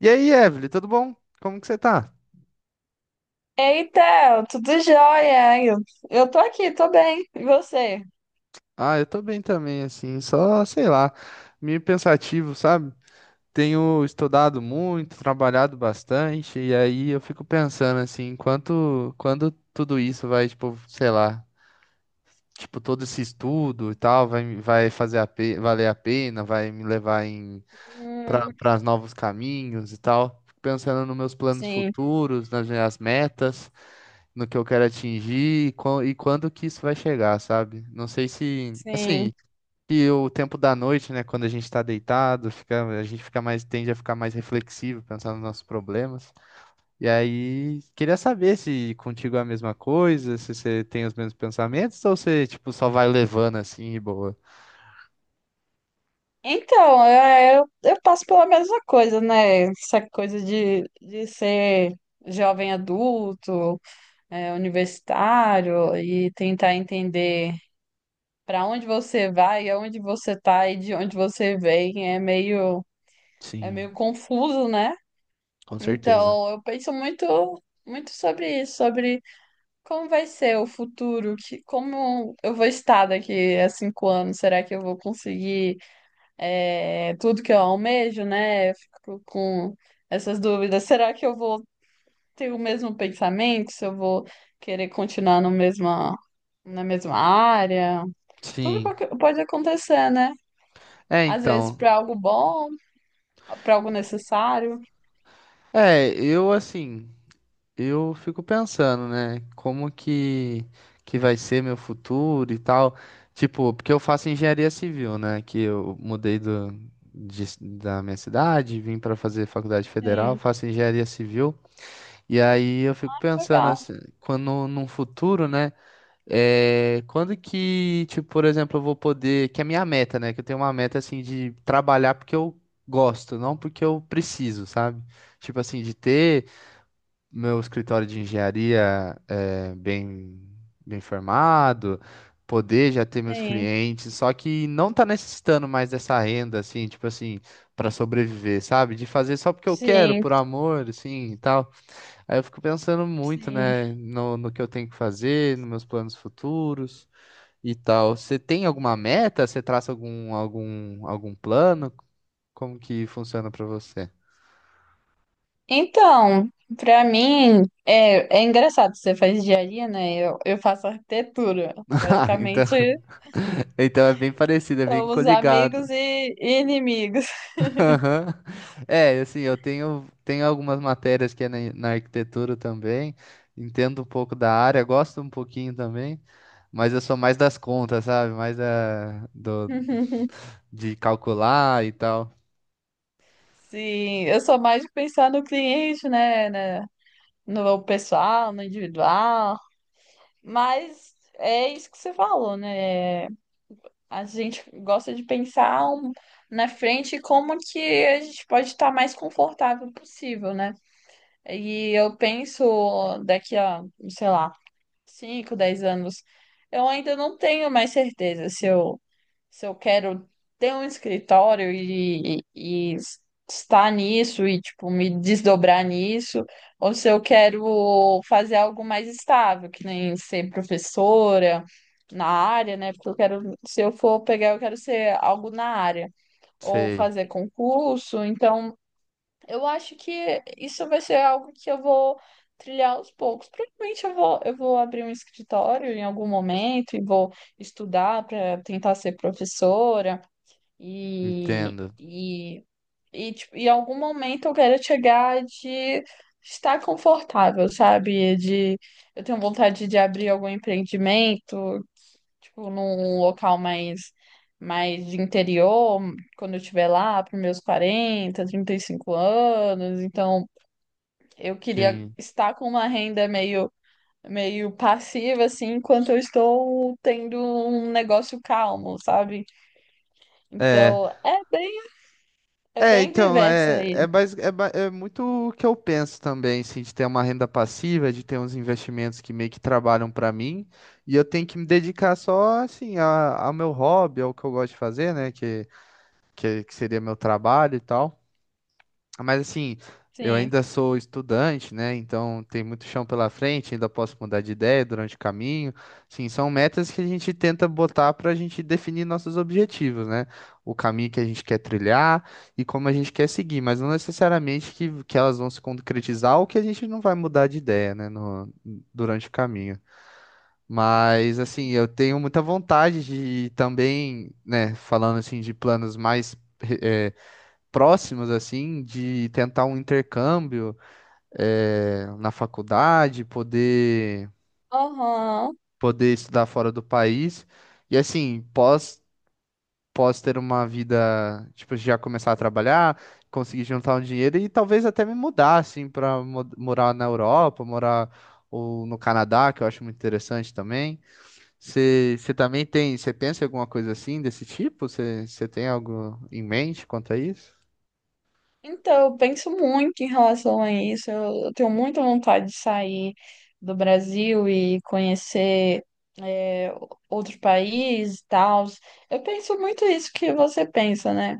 E aí, Evelyn, tudo bom? Como que você tá? Eita, tudo jóia? Eu tô aqui, tô bem. E você? Ah, eu tô bem também, assim, só, sei lá, meio pensativo, sabe? Tenho estudado muito, trabalhado bastante, e aí eu fico pensando, assim, quanto, quando tudo isso vai, tipo, sei lá, tipo, todo esse estudo e tal, vai fazer valer a pena, vai me levar Hum, para novos caminhos e tal. Fico pensando nos meus planos sim, futuros, nas minhas metas, no que eu quero atingir e, e quando que isso vai chegar, sabe? Não sei se, sim. assim, que o tempo da noite, né, quando a gente está deitado, fica, a gente fica mais, tende a ficar mais reflexivo, pensando nos nossos problemas. E aí, queria saber se contigo é a mesma coisa, se você tem os mesmos pensamentos ou você, tipo, só vai levando assim e boa. Então, eu passo pela mesma coisa, né? Essa coisa de ser jovem adulto, é, universitário e tentar entender para onde você vai, aonde você tá e de onde você vem é meio, é Sim, meio confuso, né? com certeza. Então, eu penso muito, muito sobre isso, sobre como vai ser o futuro? Que, como eu vou estar daqui a 5 anos? Será que eu vou conseguir tudo que eu almejo, né? Eu fico com essas dúvidas. Será que eu vou ter o mesmo pensamento? Se eu vou querer continuar no mesma, na mesma área? Tudo Sim. Pode acontecer, né? É, Às vezes então. para algo bom, para algo necessário. É, eu assim, eu fico pensando, né, como que vai ser meu futuro e tal. Tipo, porque eu faço engenharia civil, né, que eu mudei do, de da minha cidade, vim para fazer faculdade federal, Sim, faço engenharia civil. E aí eu fico pensando legal. assim, quando num futuro, né, é, quando que, tipo, por exemplo, eu vou poder, que é a minha meta, né, que eu tenho uma meta assim de trabalhar porque eu gosto, não porque eu preciso, sabe? Tipo assim, de ter meu escritório de engenharia é bem, bem formado, poder já ter meus Sim, clientes, só que não tá necessitando mais dessa renda, assim, tipo assim, para sobreviver, sabe? De fazer só porque eu quero, sim, por amor, assim, e tal. Aí eu fico pensando muito, sim. né, no, no que eu tenho que fazer, nos meus planos futuros e tal. Você tem alguma meta? Você traça algum, algum, algum plano? Como que funciona para você? Então, para mim, é engraçado, você faz engenharia, né? Eu faço arquitetura. Ah, então, Basicamente, então é bem parecido, é bem somos coligado. amigos e inimigos. Aham. É, assim, eu tenho, tenho algumas matérias que é na, na arquitetura também, entendo um pouco da área, gosto um pouquinho também, mas eu sou mais das contas, sabe? Mais da, do, de calcular e tal. Sim, eu sou mais de pensar no cliente, né? Né, no pessoal, no individual. Mas é isso que você falou, né? A gente gosta de pensar na frente como que a gente pode estar mais confortável possível, né? E eu penso daqui a, sei lá, 5, 10 anos. Eu ainda não tenho mais certeza se eu quero ter um escritório e estar nisso e, tipo, me desdobrar nisso, ou se eu quero fazer algo mais estável, que nem ser professora na área, né? Porque eu quero, se eu for pegar, eu quero ser algo na área, ou Sei, fazer concurso, então. Eu acho que isso vai ser algo que eu vou trilhar aos poucos. Provavelmente eu vou abrir um escritório em algum momento e vou estudar para tentar ser professora e, entendo. e, e tipo, em algum momento eu quero chegar de estar confortável, sabe? De eu tenho vontade de abrir algum empreendimento, tipo, num local mais, mais de interior, quando eu estiver lá para meus quarenta trinta e cinco anos. Então, eu queria Sim. estar com uma renda meio, meio passiva, assim, enquanto eu estou tendo um negócio calmo, sabe? É, Então, é É, bem então, diverso aí. É muito o que eu penso também, assim, de ter uma renda passiva, de ter uns investimentos que meio que trabalham pra mim, e eu tenho que me dedicar só, assim, ao meu hobby, ao que eu gosto de fazer, né, que seria meu trabalho e tal. Mas assim, eu Sim. ainda sou estudante, né? Então tem muito chão pela frente, ainda posso mudar de ideia durante o caminho. Sim, são metas que a gente tenta botar para a gente definir nossos objetivos, né? O caminho que a gente quer trilhar e como a gente quer seguir, mas não necessariamente que, elas vão se concretizar ou que a gente não vai mudar de ideia, né? No, durante o caminho. Mas assim, eu tenho muita vontade de também, né? Falando assim de planos mais eh, próximos, assim, de tentar um intercâmbio, é, na faculdade, Aham. poder estudar fora do país. E assim, pós ter uma vida, tipo, já começar a trabalhar, conseguir juntar um dinheiro e talvez até me mudar, assim, para morar na Europa, morar ou no Canadá, que eu acho muito interessante também. Você também tem, você pensa em alguma coisa assim, desse tipo? Você tem algo em mente quanto a isso? Então, eu penso muito em relação a isso. Eu tenho muita vontade de sair do Brasil e conhecer é, outro país e tal. Eu penso muito isso que você pensa, né?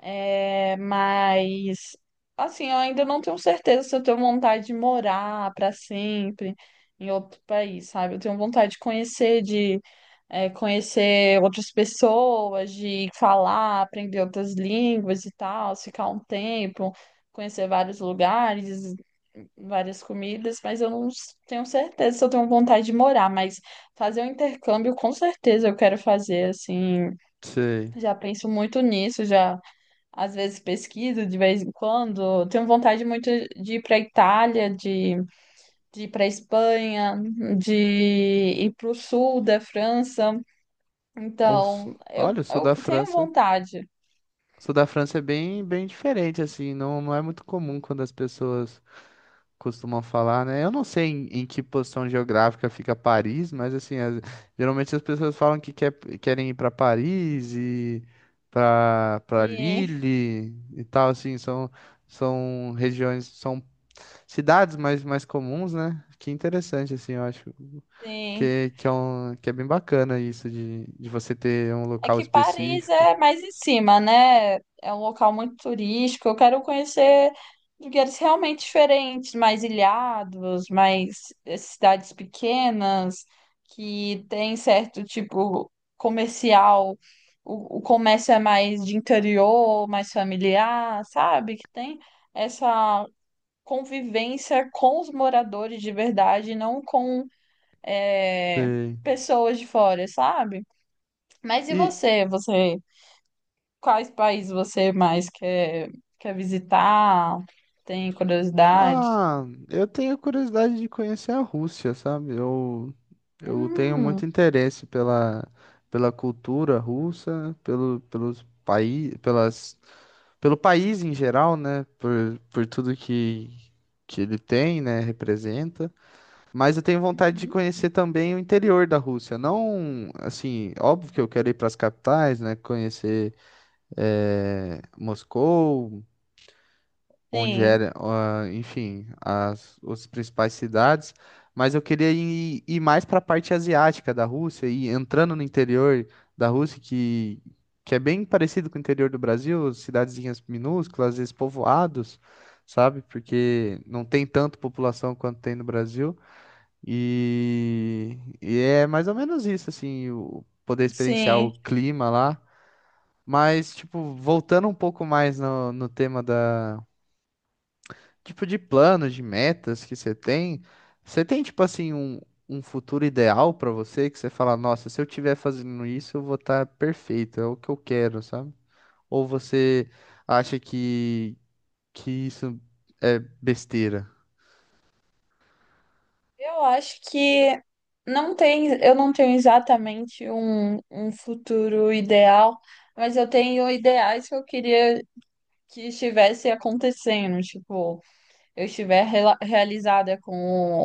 É, mas assim, eu ainda não tenho certeza se eu tenho vontade de morar para sempre em outro país, sabe? Eu tenho vontade de conhecer, de conhecer outras pessoas, de falar, aprender outras línguas e tal, ficar um tempo, conhecer vários lugares, várias comidas, mas eu não tenho certeza se eu tenho vontade de morar, mas fazer um intercâmbio com certeza eu quero fazer, assim, Sei. já penso muito nisso, já às vezes pesquiso de vez em quando. Tenho vontade muito de ir para Itália, de ir para Espanha, de ir para o sul da França. Ou, s- Então, Olha, eu, eu sou eu da tenho França. vontade. Sou da França é bem, bem diferente, assim. Não, não é muito comum quando as pessoas costumam falar, né? Eu não sei em, em que posição geográfica fica Paris, mas, assim, geralmente as pessoas falam que quer, querem ir para Paris e para Sim, Lille e tal, assim. São, são regiões, são cidades mais, mais comuns, né? Que interessante, assim, eu acho sim. Que, é um, que é bem bacana isso de você ter um É local que Paris específico. é mais em cima, né? É um local muito turístico. Eu quero conhecer lugares realmente diferentes, mais ilhados, mais cidades pequenas, que tem certo tipo comercial. O comércio é mais de interior, mais familiar, sabe? Que tem essa convivência com os moradores de verdade, não com eh, Sei. pessoas de fora, sabe? Mas e E, você? Você. Quais países você mais quer visitar? Tem curiosidade? ah, eu tenho curiosidade de conhecer a Rússia, sabe? Eu tenho Hum, muito interesse pela, pela cultura russa, pelo, pelos país, pelas, pelo país em geral, né? Por tudo que ele tem, né? Representa. Mas eu tenho vontade de uhum. conhecer também o interior da Rússia. Não, assim, óbvio que eu quero ir para as capitais, né? Conhecer, Moscou. Onde Sim, era, ah, enfim, as principais cidades, mas eu queria ir, ir mais para a parte asiática da Rússia e entrando no interior da Rússia, que é bem parecido com o interior do Brasil, cidadezinhas minúsculas, às vezes povoados, sabe? Porque não tem tanto população quanto tem no Brasil. E é mais ou menos isso, assim, o, poder experienciar sim. o clima lá. Mas, tipo, voltando um pouco mais no, no tema da, tipo de planos, de metas que você tem? Você tem, tipo assim, um futuro ideal pra você que você fala, nossa, se eu tiver fazendo isso, eu vou estar perfeito, é o que eu quero, sabe? Ou você acha que isso é besteira? Eu acho que não tem, eu não tenho exatamente um, um futuro ideal, mas eu tenho ideais que eu queria que estivesse acontecendo, tipo, eu estiver realizada com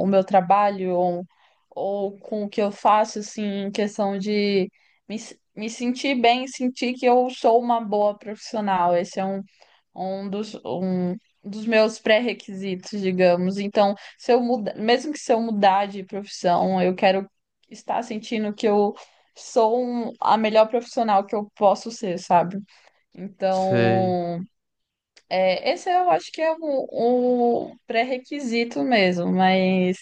o meu trabalho ou com o que eu faço, assim, em questão de me sentir bem, sentir que eu sou uma boa profissional. Esse é um dos meus pré-requisitos, digamos. Então, se eu muda, mesmo que se eu mudar de profissão, eu quero estar sentindo que eu sou a melhor profissional que eu posso ser, sabe? Sei. Então, esse eu acho que é o um pré-requisito mesmo, mas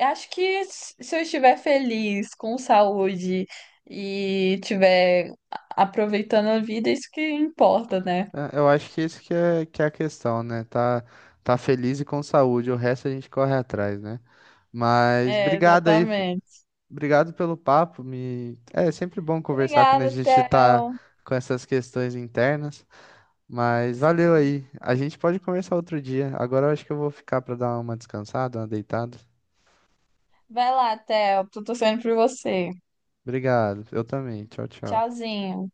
acho que se eu estiver feliz, com saúde e estiver aproveitando a vida, isso que importa, né? É, eu acho que isso que é a questão, né? Tá, tá feliz e com saúde, o resto a gente corre atrás, né? Mas É, obrigado aí, exatamente. obrigado pelo papo. Me... É sempre bom conversar quando a Obrigada, gente tá Theo. com essas questões internas, mas valeu Sim. aí. A gente pode conversar outro dia. Agora eu acho que eu vou ficar para dar uma descansada, uma deitada. Vai lá, Theo. Tô torcendo por você. Obrigado. Eu também. Tchau, tchau. Tchauzinho.